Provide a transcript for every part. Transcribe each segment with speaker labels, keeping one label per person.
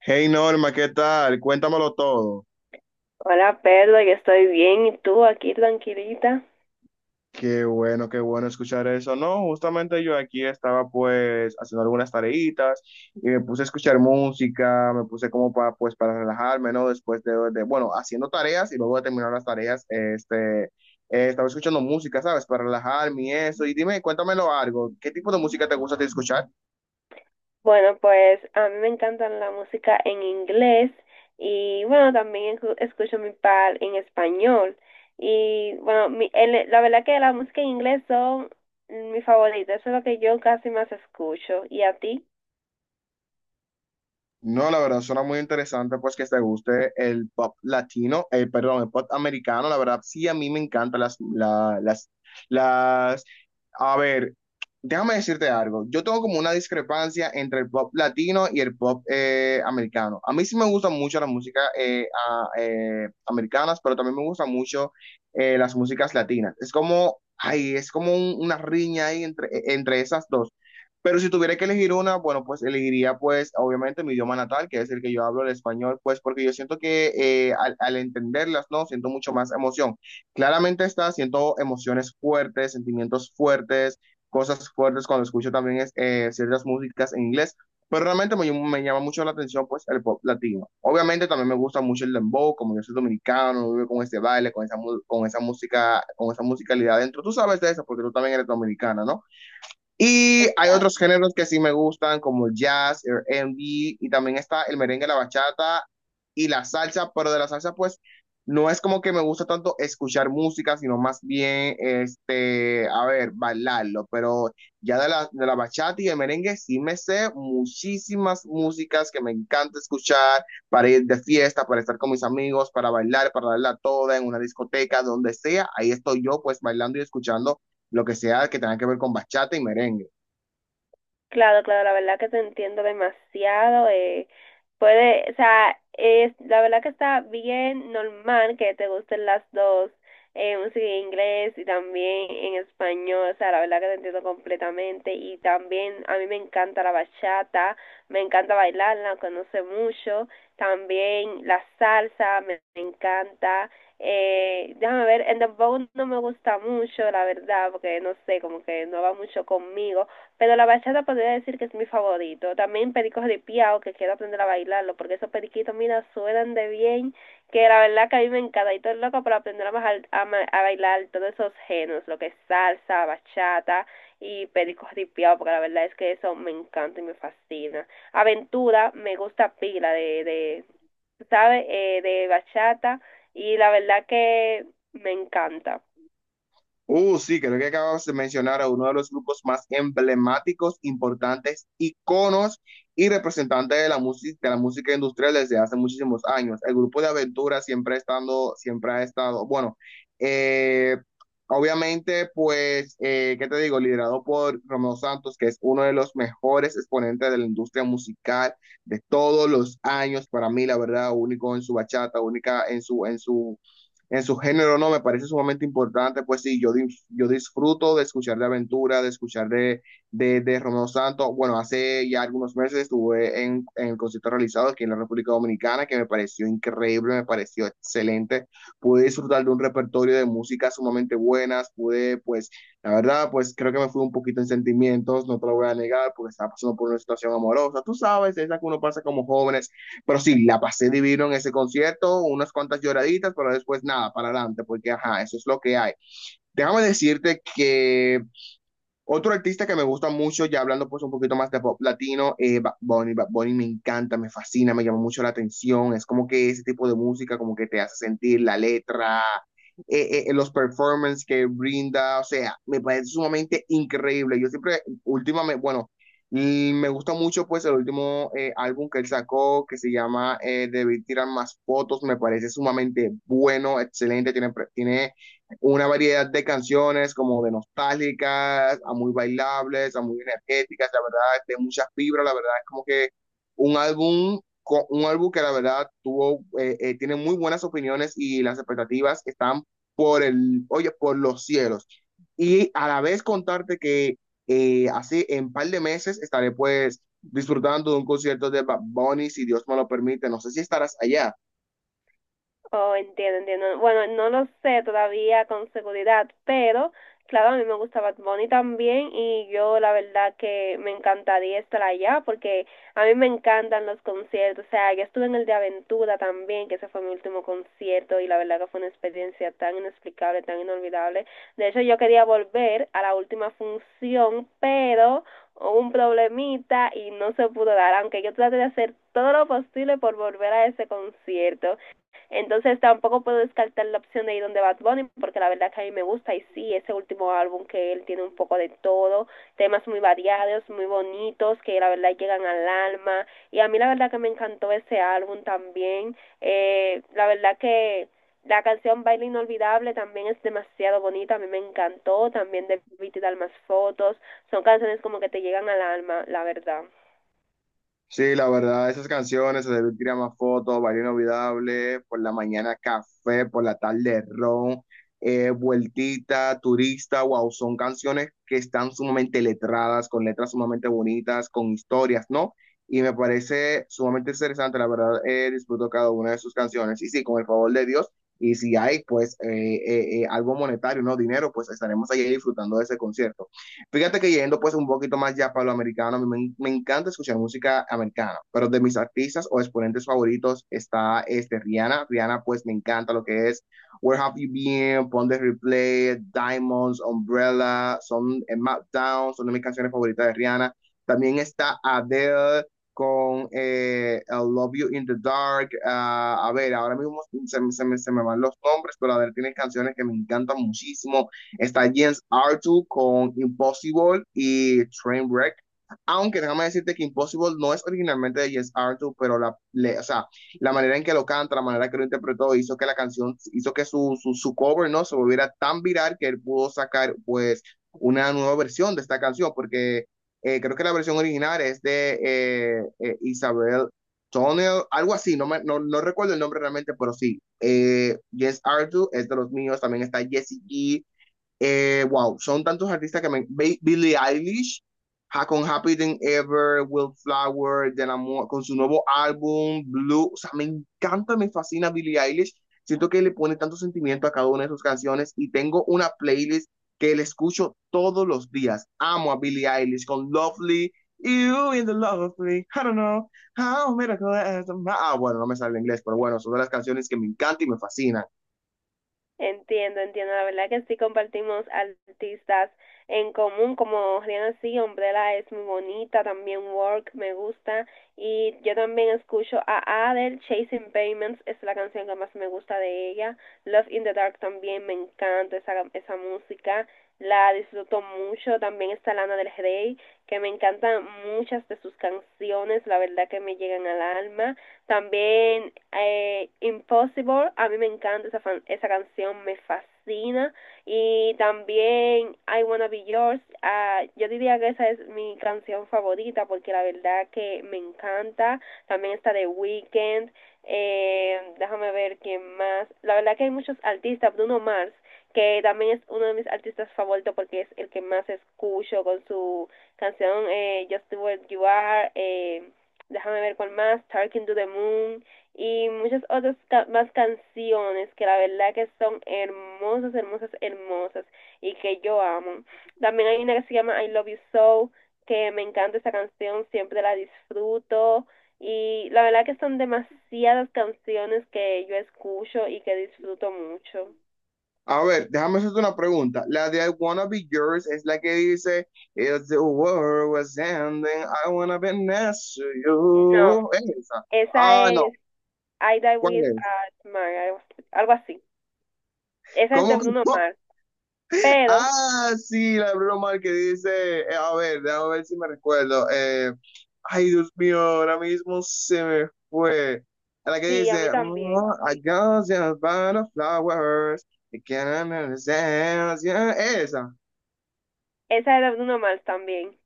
Speaker 1: Hey Norma, ¿qué tal? Cuéntamelo todo.
Speaker 2: Hola Pedro, yo estoy bien y tú aquí tranquilita.
Speaker 1: Qué bueno escuchar eso. No, justamente yo aquí estaba pues haciendo algunas tareitas y me puse a escuchar música, me puse como para pues para relajarme, ¿no? Después bueno, haciendo tareas y luego de terminar las tareas, estaba escuchando música, ¿sabes? Para relajarme y eso. Y dime, cuéntamelo algo. ¿Qué tipo de música te gusta a ti escuchar?
Speaker 2: Bueno, pues a mí me encantan la música en inglés y bueno, también escucho mi par en español. Y bueno, la verdad que la música en inglés son mi favorita, eso es lo que yo casi más escucho. ¿Y a ti?
Speaker 1: No, la verdad, suena muy interesante, pues que te guste el pop latino, perdón, el pop americano, la verdad, sí, a mí me encantan las, a ver, déjame decirte algo, yo tengo como una discrepancia entre el pop latino y el pop americano. A mí sí me gustan mucho las músicas americanas, pero también me gustan mucho las músicas latinas. Es como, ay, es como una riña ahí entre, entre esas dos. Pero si tuviera que elegir una, bueno, pues elegiría pues obviamente mi idioma natal, que es el que yo hablo, el español, pues porque yo siento que al entenderlas, ¿no? Siento mucho más emoción. Claramente está, siento emociones fuertes, sentimientos fuertes, cosas fuertes cuando escucho también es, ciertas músicas en inglés, pero realmente me llama mucho la atención pues el pop latino. Obviamente también me gusta mucho el dembow, como yo soy dominicano, vivo con este baile, con esa música, con esa musicalidad dentro. Tú sabes de eso porque tú también eres dominicana, ¿no? Y hay otros géneros que sí me gustan, como el jazz, el R&B, y también está el merengue, la bachata y la salsa, pero de la salsa, pues, no es como que me gusta tanto escuchar música, sino más bien, este, a ver, bailarlo, pero ya de la bachata y el merengue sí me sé muchísimas músicas que me encanta escuchar para ir de fiesta, para estar con mis amigos, para bailar, para darla toda en una discoteca, donde sea, ahí estoy yo, pues, bailando y escuchando lo que sea que tenga que ver con bachata y merengue.
Speaker 2: Claro, claro, la verdad que te entiendo demasiado. Puede, o sea, es, la verdad que está bien normal que te gusten las dos, música en inglés y también en español. O sea, la verdad que te entiendo completamente. Y también a mí me encanta la bachata, me encanta bailarla, conoce mucho. También la salsa, me encanta. Déjame ver, el dembow no me gusta mucho, la verdad, porque no sé, como que no va mucho conmigo, pero la bachata podría decir que es mi favorito. También pericos de piao, que quiero aprender a bailarlo, porque esos periquitos, mira, suenan de bien, que la verdad que a mí me encanta. Y todo es loco para aprender a a bailar todos esos géneros, lo que es salsa, bachata y pericos de piao, porque la verdad es que eso me encanta y me fascina. Aventura, me gusta pila de, ¿sabes? De bachata, y la verdad que me encanta.
Speaker 1: Sí, creo que acabas de mencionar a uno de los grupos más emblemáticos, importantes, iconos y representantes de la música industrial desde hace muchísimos años. El grupo de Aventura siempre estando, siempre ha estado, eh, obviamente, pues, ¿qué te digo? Liderado por Romeo Santos, que es uno de los mejores exponentes de la industria musical de todos los años, para mí, la verdad, único en su bachata, única en su género, no, me parece sumamente importante, pues sí, yo disfruto de escuchar de Aventura, de escuchar de Romeo Santos, bueno, hace ya algunos meses estuve en el concierto realizado aquí en la República Dominicana, que me pareció increíble, me pareció excelente, pude disfrutar de un repertorio de música sumamente buenas, pude, pues, la verdad, pues creo que me fui un poquito en sentimientos, no te lo voy a negar, porque estaba pasando por una situación amorosa, tú sabes, es la que uno pasa como jóvenes, pero sí, la pasé divino en ese concierto, unas cuantas lloraditas, pero después nada, para adelante, porque ajá, eso es lo que hay. Déjame decirte que otro artista que me gusta mucho, ya hablando pues un poquito más de pop latino, Bad Bunny. Bad Bunny me encanta, me fascina, me llama mucho la atención. Es como que ese tipo de música como que te hace sentir la letra, los performances que brinda, o sea, me parece sumamente increíble. Yo siempre, últimamente, bueno, y me gusta mucho pues el último álbum que él sacó, que se llama Debí tirar más fotos, me parece sumamente bueno, excelente, tiene una variedad de canciones como de nostálgicas, a muy bailables, a muy energéticas, la verdad, de muchas fibras, la verdad es como que un álbum, un álbum que la verdad tiene muy buenas opiniones y las expectativas están oye, por los cielos. Y a la vez contarte que así en un par de meses estaré pues disfrutando de un concierto de Bad Bunny, si Dios me lo permite, no sé si estarás allá.
Speaker 2: Oh, entiendo, entiendo. Bueno, no lo sé todavía con seguridad, pero claro, a mí me gusta Bad Bunny también y yo la verdad que me encantaría estar allá, porque a mí me encantan los conciertos. O sea, yo estuve en el de Aventura también, que ese fue mi último concierto y la verdad que fue una experiencia tan inexplicable, tan inolvidable. De hecho, yo quería volver a la última función, pero hubo un problemita y no se pudo dar, aunque yo traté de hacer todo lo posible por volver a ese concierto. Entonces tampoco puedo descartar la opción de ir donde Bad Bunny, porque la verdad que a mí me gusta y sí, ese último álbum que él tiene un poco de todo, temas muy variados, muy bonitos, que la verdad llegan al alma. Y a mí la verdad que me encantó ese álbum también. La verdad que la canción Baile Inolvidable también es demasiado bonita, a mí me encantó, también Debí Dar Más Fotos, son canciones como que te llegan al alma, la verdad.
Speaker 1: Sí, la verdad, esas canciones, se debe tirar más fotos, baile inolvidable, por la mañana café, por la tarde ron, vueltita, turista, wow, son canciones que están sumamente letradas, con letras sumamente bonitas, con historias, ¿no? Y me parece sumamente interesante, la verdad, disfruto cada una de sus canciones. Y sí, con el favor de Dios, y si hay, pues, algo monetario, ¿no? Dinero, pues estaremos allí disfrutando de ese concierto. Fíjate que yendo pues un poquito más ya para lo americano, a mí me encanta escuchar música americana, pero de mis artistas o exponentes favoritos está este Rihanna. Rihanna pues me encanta lo que es Where Have You Been, Pon de Replay, Diamonds, Umbrella, son en Map Down, son de mis canciones favoritas de Rihanna. También está Adele con I Love You in the Dark. A ver, ahora mismo me van los nombres, pero Adele tiene canciones que me encantan muchísimo. Está James Arthur con Impossible y Trainwreck. Aunque déjame decirte que Impossible no es originalmente de James Arthur, pero o sea, la manera en que lo canta, la manera que lo interpretó, hizo que la canción, hizo que su cover, ¿no? Se volviera tan viral que él pudo sacar, pues, una nueva versión de esta canción, porque creo que la versión original es de Isabel Tonel, algo así, no, no, no recuerdo el nombre realmente, pero sí. Yes Arthur es de los míos, también está Jessie G, wow, son tantos artistas que me... Billie Eilish, con Happy Than Ever, Will Flower, de con su nuevo álbum, Blue. O sea, me encanta, me fascina Billie Eilish. Siento que le pone tanto sentimiento a cada una de sus canciones y tengo una playlist que le escucho todos los días. Amo a Billie Eilish con Lovely, You in the Lovely, I don't know, how miracle is- Ah, bueno, no me sale en inglés, pero bueno, son de las canciones que me encantan y me fascinan.
Speaker 2: Entiendo, entiendo. La verdad que sí compartimos artistas en común, como Rihanna. Sí, Umbrella es muy bonita, también Work me gusta y yo también escucho a Adele, Chasing Payments es la canción que más me gusta de ella, Love in the Dark también me encanta esa música, la disfruto mucho, también está Lana del Rey, que me encantan muchas de sus canciones, la verdad que me llegan al alma. También Impossible, a mí me encanta esa canción, me fascina. Y también I Wanna Be Yours, ah, yo diría que esa es mi canción favorita porque la verdad que me encanta. También está The Weeknd, déjame ver quién más. La verdad que hay muchos artistas, Bruno Mars, que también es uno de mis artistas favoritos porque es el que más escucho con su canción Just the Way You Are. Déjame ver cuál más, Talking to the Moon y muchas otras más canciones que la verdad que son hermosas, hermosas, hermosas y que yo amo. También hay una que se llama I Love You So, que me encanta esa canción, siempre la disfruto y la verdad que son demasiadas canciones que yo escucho y que disfruto mucho.
Speaker 1: A ver, déjame hacerte una pregunta. La de I Wanna Be Yours es la que dice, If the world was ending, I wanna be next to
Speaker 2: No,
Speaker 1: you. ¿Es esa?
Speaker 2: esa
Speaker 1: Ah, no.
Speaker 2: es I Die
Speaker 1: ¿Cuál
Speaker 2: With
Speaker 1: es?
Speaker 2: a Smile, algo así. Esa es de
Speaker 1: ¿Cómo que?
Speaker 2: Bruno
Speaker 1: ¿No?
Speaker 2: Mars, pero
Speaker 1: Ah, sí, la de Bruno Mars que dice, a ver, déjame ver si me recuerdo. Ay, Dios mío, ahora mismo se me fue. La que
Speaker 2: sí, a
Speaker 1: dice,
Speaker 2: mí también.
Speaker 1: "Oh, I got just by the flowers, you can't understand". Yeah, esa.
Speaker 2: Esa era uno más también.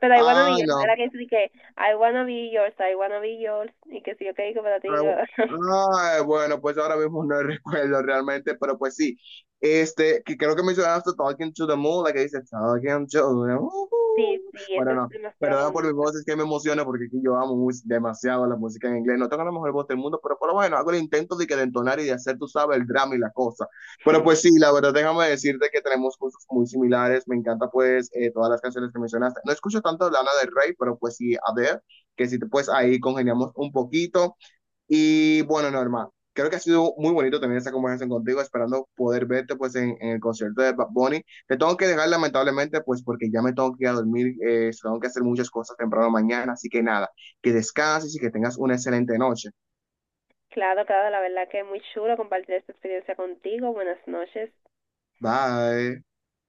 Speaker 2: Pero I wanna be
Speaker 1: Ah,
Speaker 2: yours,
Speaker 1: no,
Speaker 2: era que sí que I wanna be yours, I wanna be yours. Y que sí, yo que digo para ti.
Speaker 1: ah,
Speaker 2: Digo,
Speaker 1: ah, bueno, pues ahora mismo no recuerdo realmente, pero pues sí. Este, que creo que mencionaste Talking to the Moon, la que dice Talking to the Moon.
Speaker 2: sí, sí,
Speaker 1: Bueno,
Speaker 2: esa es
Speaker 1: no,
Speaker 2: demasiado
Speaker 1: perdón por mi
Speaker 2: bonita.
Speaker 1: voz, es que me emociona porque aquí yo amo demasiado la música en inglés. No tengo la mejor voz del mundo, pero bueno, hago el intento de que de entonar y de hacer, tú sabes, el drama y la cosa. Pero pues sí, la verdad, déjame decirte que tenemos gustos muy similares. Me encanta, pues, todas las canciones que mencionaste. No escucho tanto Lana del Rey, pero pues sí, a ver, que si te, pues ahí congeniamos un poquito. Y bueno, Norma, creo que ha sido muy bonito tener esa conversación contigo, esperando poder verte pues en el concierto de Bad Bunny. Te tengo que dejar lamentablemente pues porque ya me tengo que ir a dormir, tengo que hacer muchas cosas temprano mañana, así que nada, que descanses y que tengas una excelente noche.
Speaker 2: Claro, claro, la verdad que es muy chulo compartir esta experiencia contigo. Buenas noches.
Speaker 1: Bye.